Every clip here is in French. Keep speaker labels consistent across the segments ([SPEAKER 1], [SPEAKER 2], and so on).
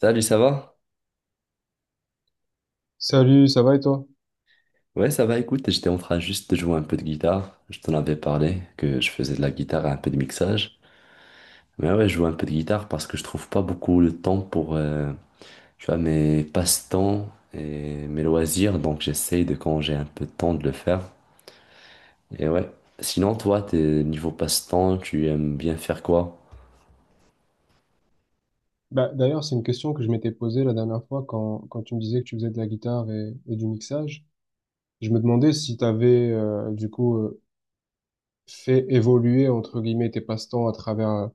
[SPEAKER 1] Salut, ça va?
[SPEAKER 2] Salut, ça va et toi?
[SPEAKER 1] Ouais, ça va, écoute, j'étais en train juste de jouer un peu de guitare. Je t'en avais parlé que je faisais de la guitare et un peu de mixage. Mais ouais, je joue un peu de guitare parce que je trouve pas beaucoup le temps pour, tu vois, mes passe-temps et mes loisirs. Donc j'essaye de, quand j'ai un peu de temps, de le faire. Et ouais. Sinon, toi, t'es niveau passe-temps, tu aimes bien faire quoi?
[SPEAKER 2] Bah, d'ailleurs, c'est une question que je m'étais posée la dernière fois quand tu me disais que tu faisais de la guitare et du mixage. Je me demandais si tu avais du coup fait évoluer entre guillemets tes passe-temps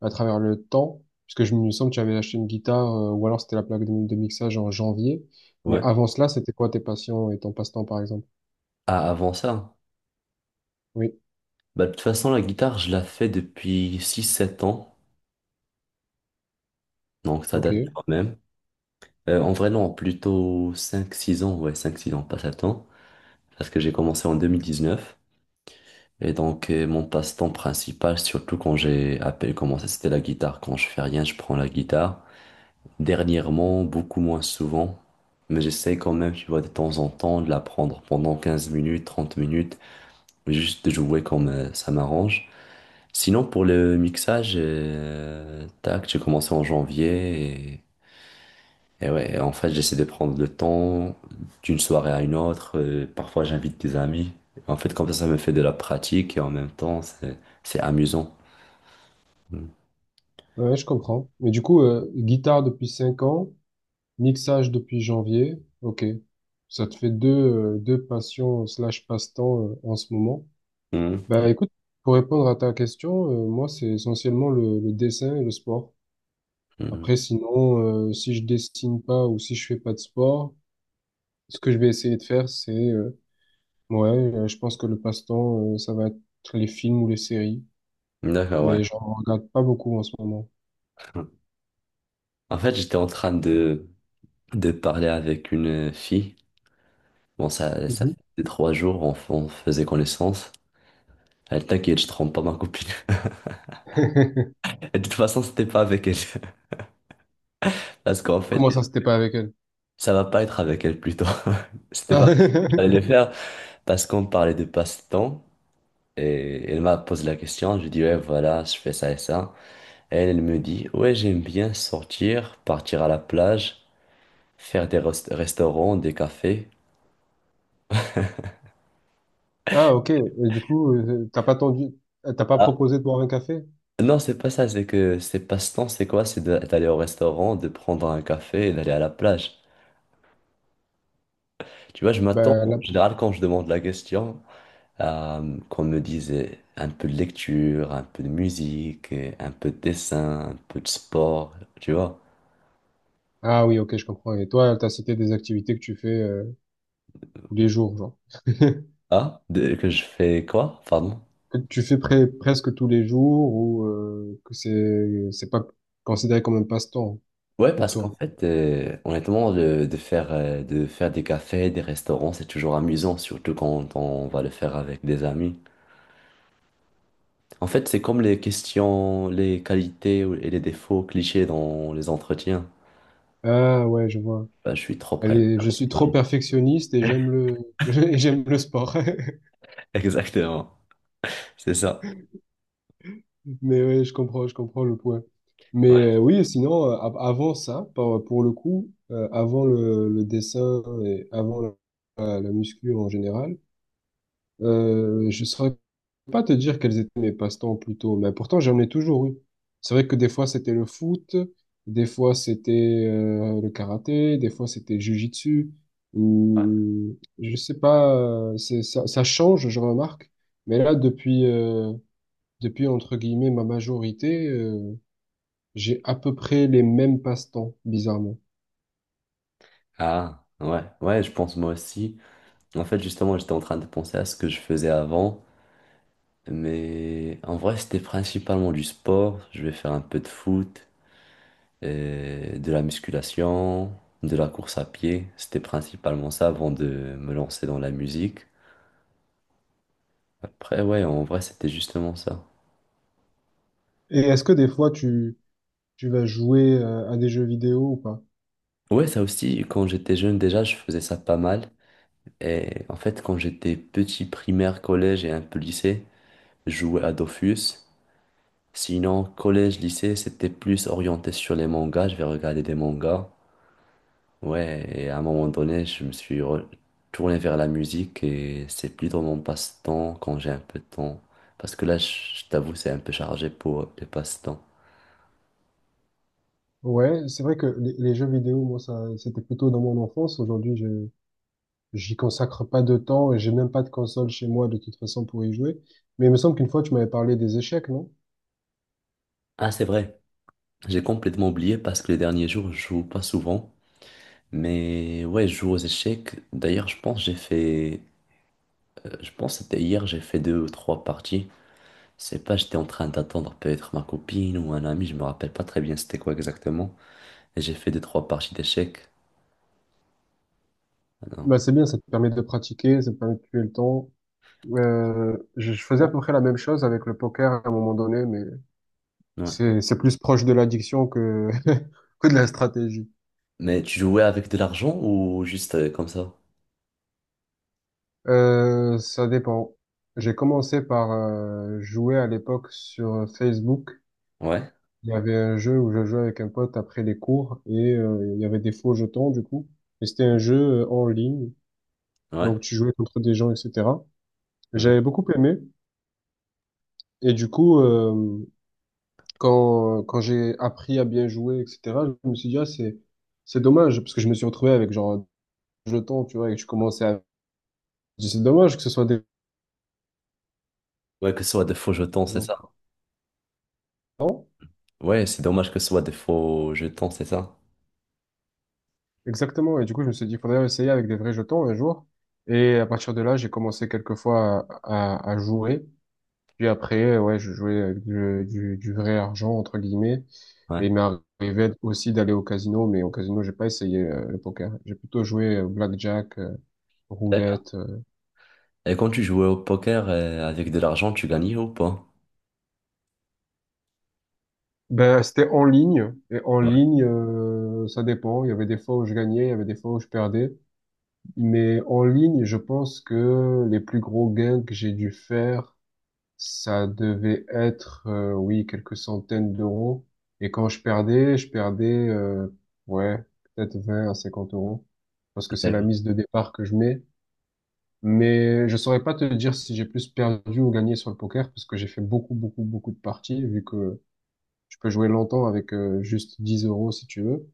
[SPEAKER 2] à travers le temps, puisque je me sens que tu avais acheté une guitare ou alors c'était la plaque de mixage en janvier. Mais
[SPEAKER 1] Ouais.
[SPEAKER 2] avant cela, c'était quoi tes passions et ton passe-temps par exemple?
[SPEAKER 1] Ah, avant ça?
[SPEAKER 2] Oui,
[SPEAKER 1] Bah, de toute façon, la guitare, je la fais depuis 6 7 ans. Donc ça
[SPEAKER 2] ok,
[SPEAKER 1] date quand même. En vrai, non, plutôt 5-6 ans, ouais, 5-6 ans, pas 7 ans, parce que j'ai commencé en 2019. Et donc, mon passe-temps principal, surtout quand j'ai à commencé, c'était la guitare. Quand je fais rien, je prends la guitare. Dernièrement, beaucoup moins souvent, mais j'essaie quand même, tu vois, de temps en temps, de la prendre pendant 15 minutes, 30 minutes, mais juste de jouer comme ça m'arrange. Sinon, pour le mixage, tac, j'ai commencé en janvier. Et ouais, en fait, j'essaie de prendre le temps d'une soirée à une autre. Parfois, j'invite des amis. En fait, comme ça me fait de la pratique et en même temps, c'est amusant. Mm.
[SPEAKER 2] ouais, je comprends. Mais du coup, guitare depuis 5 ans. Mixage depuis janvier, ok. Ça te fait deux, deux passions slash passe-temps en ce moment.
[SPEAKER 1] Mm.
[SPEAKER 2] Bah écoute, pour répondre à ta question, moi c'est essentiellement le dessin et le sport.
[SPEAKER 1] Mm.
[SPEAKER 2] Après sinon, si je dessine pas ou si je fais pas de sport, ce que je vais essayer de faire c'est, ouais, je pense que le passe-temps ça va être les films ou les séries,
[SPEAKER 1] D'accord, ouais.
[SPEAKER 2] mais j'en regarde pas beaucoup en ce moment.
[SPEAKER 1] En fait, j'étais en train de parler avec une fille. Bon, ça
[SPEAKER 2] Mhm.
[SPEAKER 1] fait 3 jours, on faisait connaissance. Elle t'inquiète, je trompe pas ma copine. Et de toute façon, c'était pas avec elle. Parce qu'en fait,
[SPEAKER 2] Comment ça, c'était pas avec elle?
[SPEAKER 1] ça va pas être avec elle plutôt. C'était pas. J'allais le faire parce qu'on parlait de passe-temps. Et elle m'a posé la question, je dis ouais voilà, je fais ça et ça. Elle, elle me dit ouais j'aime bien sortir, partir à la plage, faire des restaurants, des cafés.
[SPEAKER 2] Ah, ok. Et du coup, t'as pas tendu, t'as pas
[SPEAKER 1] Ah
[SPEAKER 2] proposé de boire un café?
[SPEAKER 1] non c'est pas ça, c'est que c'est passe-temps, c'est quoi? C'est d'aller au restaurant, de prendre un café et d'aller à la plage. Tu vois, je m'attends
[SPEAKER 2] Ben,
[SPEAKER 1] en
[SPEAKER 2] là...
[SPEAKER 1] général quand je demande la question à, qu'on me dise un peu de lecture, un peu de musique, un peu de dessin, un peu de sport, tu vois.
[SPEAKER 2] Ah oui, ok, je comprends. Et toi, t'as cité des activités que tu fais tous les jours, genre.
[SPEAKER 1] Ah, que je fais quoi? Pardon?
[SPEAKER 2] Que tu fais presque tous les jours ou que c'est pas considéré comme un passe-temps
[SPEAKER 1] Ouais,
[SPEAKER 2] pour
[SPEAKER 1] parce
[SPEAKER 2] toi.
[SPEAKER 1] qu'en fait, honnêtement, de faire des cafés, des restaurants, c'est toujours amusant, surtout quand on va le faire avec des amis. En fait, c'est comme les questions, les qualités et les défauts clichés dans les entretiens.
[SPEAKER 2] Ah ouais, je vois.
[SPEAKER 1] Bah, je suis trop
[SPEAKER 2] Elle
[SPEAKER 1] prêt.
[SPEAKER 2] est- je suis trop perfectionniste et j'aime le et j'aime le sport.
[SPEAKER 1] Exactement, c'est ça.
[SPEAKER 2] Mais ouais, je comprends le point.
[SPEAKER 1] Ouais.
[SPEAKER 2] Mais oui, sinon, avant ça, pour le coup, avant le dessin et avant la muscu en général, je saurais pas te dire quels étaient mes passe-temps plutôt, mais pourtant j'en ai toujours eu. C'est vrai que des fois c'était le foot, des fois c'était le karaté, des fois c'était le jitsu. Je sais pas, ça change, je remarque. Mais là, depuis, entre guillemets, ma majorité, j'ai à peu près les mêmes passe-temps, bizarrement.
[SPEAKER 1] Ah, ouais, ouais, je pense moi aussi. En fait, justement, j'étais en train de penser à ce que je faisais avant, mais en vrai, c'était principalement du sport. Je vais faire un peu de foot, de la musculation, de la course à pied. C'était principalement ça avant de me lancer dans la musique. Après, ouais, en vrai, c'était justement ça.
[SPEAKER 2] Et est-ce que des fois, tu vas jouer à des jeux vidéo ou pas?
[SPEAKER 1] Ouais, ça aussi, quand j'étais jeune déjà, je faisais ça pas mal. Et en fait, quand j'étais petit, primaire, collège et un peu lycée, je jouais à Dofus. Sinon, collège, lycée, c'était plus orienté sur les mangas. Je vais regarder des mangas. Ouais, et à un moment donné, je me suis retourné vers la musique et c'est plus dans mon passe-temps quand j'ai un peu de temps. Parce que là, je t'avoue, c'est un peu chargé pour les passe-temps.
[SPEAKER 2] Ouais, c'est vrai que les jeux vidéo, moi, ça, c'était plutôt dans mon enfance. Aujourd'hui, j'y consacre pas de temps et j'ai même pas de console chez moi, de toute façon, pour y jouer. Mais il me semble qu'une fois, tu m'avais parlé des échecs, non?
[SPEAKER 1] Ah, c'est vrai, j'ai complètement oublié parce que les derniers jours, je joue pas souvent. Mais ouais, je joue aux échecs. D'ailleurs, je pense que j'ai fait, je pense que c'était hier, j'ai fait 2 ou 3 parties. Je sais pas, j'étais en train d'attendre peut-être ma copine ou un ami, je me rappelle pas très bien c'était quoi exactement. Et j'ai fait 2, 3 parties d'échecs. Alors.
[SPEAKER 2] Bah, c'est bien, ça te permet de pratiquer, ça te permet de tuer le temps. Je faisais à peu près la même chose avec le poker à un moment donné, mais
[SPEAKER 1] Ouais.
[SPEAKER 2] C'est plus proche de l'addiction que que de la stratégie.
[SPEAKER 1] Mais tu jouais avec de l'argent ou juste comme ça?
[SPEAKER 2] Ça dépend. J'ai commencé par jouer à l'époque sur Facebook.
[SPEAKER 1] Ouais,
[SPEAKER 2] Il y avait un jeu où je jouais avec un pote après les cours et il y avait des faux jetons du coup. Et c'était un jeu en ligne,
[SPEAKER 1] ouais.
[SPEAKER 2] donc tu jouais contre des gens, etc.
[SPEAKER 1] Mhm.
[SPEAKER 2] J'avais beaucoup aimé et du coup, quand j'ai appris à bien jouer, etc., je me suis dit, c'est dommage parce que je me suis retrouvé avec genre jetons, tu vois, et je commençais à. Je dis, c'est dommage que ce soit des
[SPEAKER 1] Ouais, que ce soit des faux jetons, c'est
[SPEAKER 2] jetons.
[SPEAKER 1] ça. Ouais, c'est dommage que ce soit des faux jetons, c'est ça.
[SPEAKER 2] Exactement. Et du coup, je me suis dit, il faudrait essayer avec des vrais jetons un jour. Et à partir de là, j'ai commencé quelquefois à jouer. Puis après, ouais, je jouais avec du vrai argent, entre guillemets.
[SPEAKER 1] Ouais.
[SPEAKER 2] Et il m'est arrivé aussi d'aller au casino, mais au casino, j'ai pas essayé le poker. J'ai plutôt joué blackjack,
[SPEAKER 1] D'accord.
[SPEAKER 2] roulette.
[SPEAKER 1] Et quand tu jouais au poker avec de l'argent, tu gagnais ou pas?
[SPEAKER 2] Ben, c'était en ligne. Et en
[SPEAKER 1] Ouais,
[SPEAKER 2] ligne, ça dépend. Il y avait des fois où je gagnais, il y avait des fois où je perdais. Mais en ligne, je pense que les plus gros gains que j'ai dû faire, ça devait être, oui, quelques centaines d'euros. Et quand je perdais, ouais, peut-être 20 à 50 euros, parce que c'est la
[SPEAKER 1] d'accord.
[SPEAKER 2] mise de départ que je mets. Mais je saurais pas te dire si j'ai plus perdu ou gagné sur le poker, parce que j'ai fait beaucoup, beaucoup, beaucoup de parties, vu que je peux jouer longtemps avec juste 10 euros si tu veux.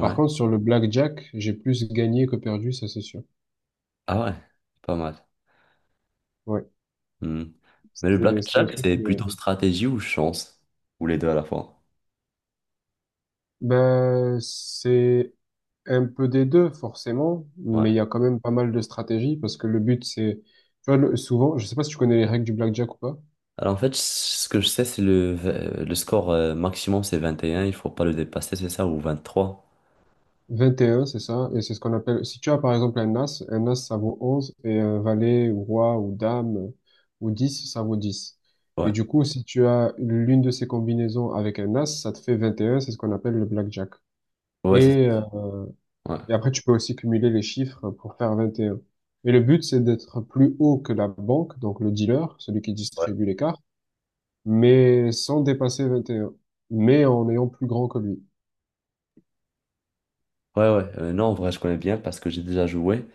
[SPEAKER 2] Par contre, sur le blackjack, j'ai plus gagné que perdu, ça c'est sûr.
[SPEAKER 1] Ah ouais, pas mal.
[SPEAKER 2] Ouais.
[SPEAKER 1] Hmm. Mais le
[SPEAKER 2] C'était un
[SPEAKER 1] blackjack,
[SPEAKER 2] truc.
[SPEAKER 1] c'est plutôt stratégie ou chance? Ou les deux à la fois?
[SPEAKER 2] Ben, c'est un peu des deux, forcément,
[SPEAKER 1] Ouais.
[SPEAKER 2] mais il y a quand même pas mal de stratégies parce que le but, c'est. Tu vois, le- souvent, je sais pas si tu connais les règles du blackjack ou pas.
[SPEAKER 1] Alors en fait, ce que je sais, c'est le score maximum, c'est 21, il faut pas le dépasser, c'est ça, ou 23?
[SPEAKER 2] Vingt et un, c'est ça, et c'est ce qu'on appelle. Si tu as par exemple un as ça vaut 11 et un valet, ou roi, ou dame, ou 10 ça vaut 10. Et
[SPEAKER 1] Ouais.
[SPEAKER 2] du coup, si tu as l'une de ces combinaisons avec un as, ça te fait vingt et un, c'est ce qu'on appelle le blackjack.
[SPEAKER 1] Ouais, c'est
[SPEAKER 2] Et.
[SPEAKER 1] ça.
[SPEAKER 2] euh,
[SPEAKER 1] Ouais.
[SPEAKER 2] Et après, tu peux aussi cumuler les chiffres pour faire vingt et un. Mais le but, c'est d'être plus haut que la banque, donc le dealer, celui qui distribue les cartes, mais sans dépasser vingt et un, mais en ayant plus grand que lui.
[SPEAKER 1] Ouais, ouais, non, en vrai, je connais bien parce que j'ai déjà joué,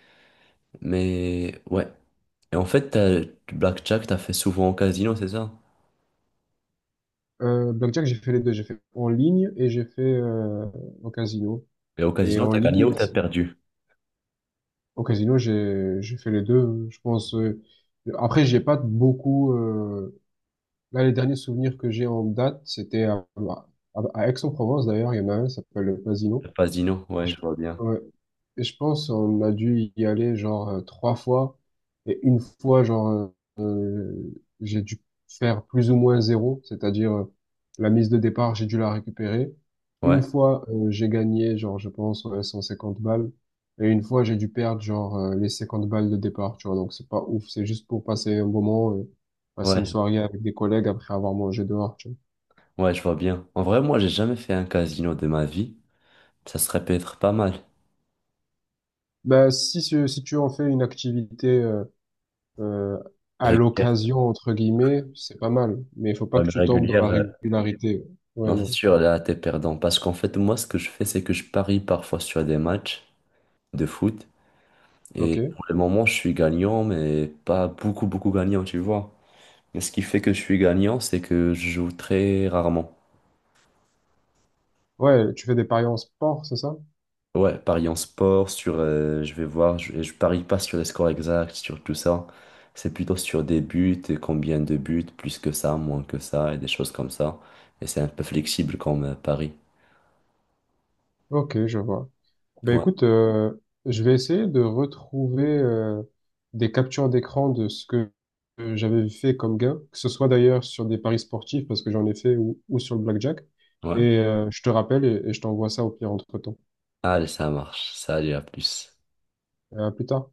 [SPEAKER 1] mais ouais. Et en fait, du blackjack, t'as fait souvent au casino, c'est ça?
[SPEAKER 2] Blackjack, j'ai fait les deux. J'ai fait en ligne et j'ai fait au casino.
[SPEAKER 1] Et au
[SPEAKER 2] Et
[SPEAKER 1] casino,
[SPEAKER 2] en
[SPEAKER 1] t'as gagné
[SPEAKER 2] ligne,
[SPEAKER 1] ou t'as perdu?
[SPEAKER 2] au casino, j'ai fait les deux. Je pense. Après, j'ai pas beaucoup. Là, les derniers souvenirs que j'ai en date, c'était à Aix-en-Provence d'ailleurs. Il y en a un, ça s'appelle le Casino.
[SPEAKER 1] Le casino,
[SPEAKER 2] Et
[SPEAKER 1] ouais, je
[SPEAKER 2] je,
[SPEAKER 1] vois bien.
[SPEAKER 2] ouais. Et je pense on a dû y aller genre trois fois. Et une fois, euh, j'ai dû faire plus ou moins zéro, c'est-à-dire la mise de départ, j'ai dû la récupérer. Une
[SPEAKER 1] Ouais,
[SPEAKER 2] fois, j'ai gagné, genre, je pense, ouais, 150 balles. Et une fois, j'ai dû perdre, les 50 balles de départ, tu vois. Donc, c'est pas ouf, c'est juste pour passer un bon moment, passer une
[SPEAKER 1] ouais,
[SPEAKER 2] soirée avec des collègues après avoir mangé dehors, tu vois.
[SPEAKER 1] ouais, je vois bien. En vrai, moi, j'ai jamais fait un casino de ma vie. Ça serait peut-être pas mal.
[SPEAKER 2] Bah, si tu en fais une activité, euh, à
[SPEAKER 1] Régulière,
[SPEAKER 2] l'occasion, entre guillemets, c'est pas mal. Mais il faut pas
[SPEAKER 1] ouais,
[SPEAKER 2] que
[SPEAKER 1] mais
[SPEAKER 2] tu tombes dans
[SPEAKER 1] régulière,
[SPEAKER 2] la régularité. Ouais,
[SPEAKER 1] non, c'est
[SPEAKER 2] non.
[SPEAKER 1] sûr, là, t'es perdant. Parce qu'en fait, moi, ce que je fais, c'est que je parie parfois sur des matchs de foot. Et
[SPEAKER 2] Ok.
[SPEAKER 1] pour le moment, je suis gagnant, mais pas beaucoup, beaucoup gagnant, tu vois. Mais ce qui fait que je suis gagnant, c'est que je joue très rarement.
[SPEAKER 2] Ouais, tu fais des paris en sport, c'est ça?
[SPEAKER 1] Ouais, paris en sport, sur, je vais voir, je parie pas sur les scores exacts, sur tout ça. C'est plutôt sur des buts, et combien de buts, plus que ça, moins que ça, et des choses comme ça. Et c'est un peu flexible comme pari.
[SPEAKER 2] Ok, je vois. Ben
[SPEAKER 1] Ouais,
[SPEAKER 2] écoute, je vais essayer de retrouver des captures d'écran de ce que j'avais fait comme gain, que ce soit d'ailleurs sur des paris sportifs, parce que j'en ai fait, ou sur le blackjack.
[SPEAKER 1] ouais.
[SPEAKER 2] Et je te rappelle et je t'envoie ça au pire entre-temps.
[SPEAKER 1] Allez, ça marche. Salut, à plus.
[SPEAKER 2] À plus tard.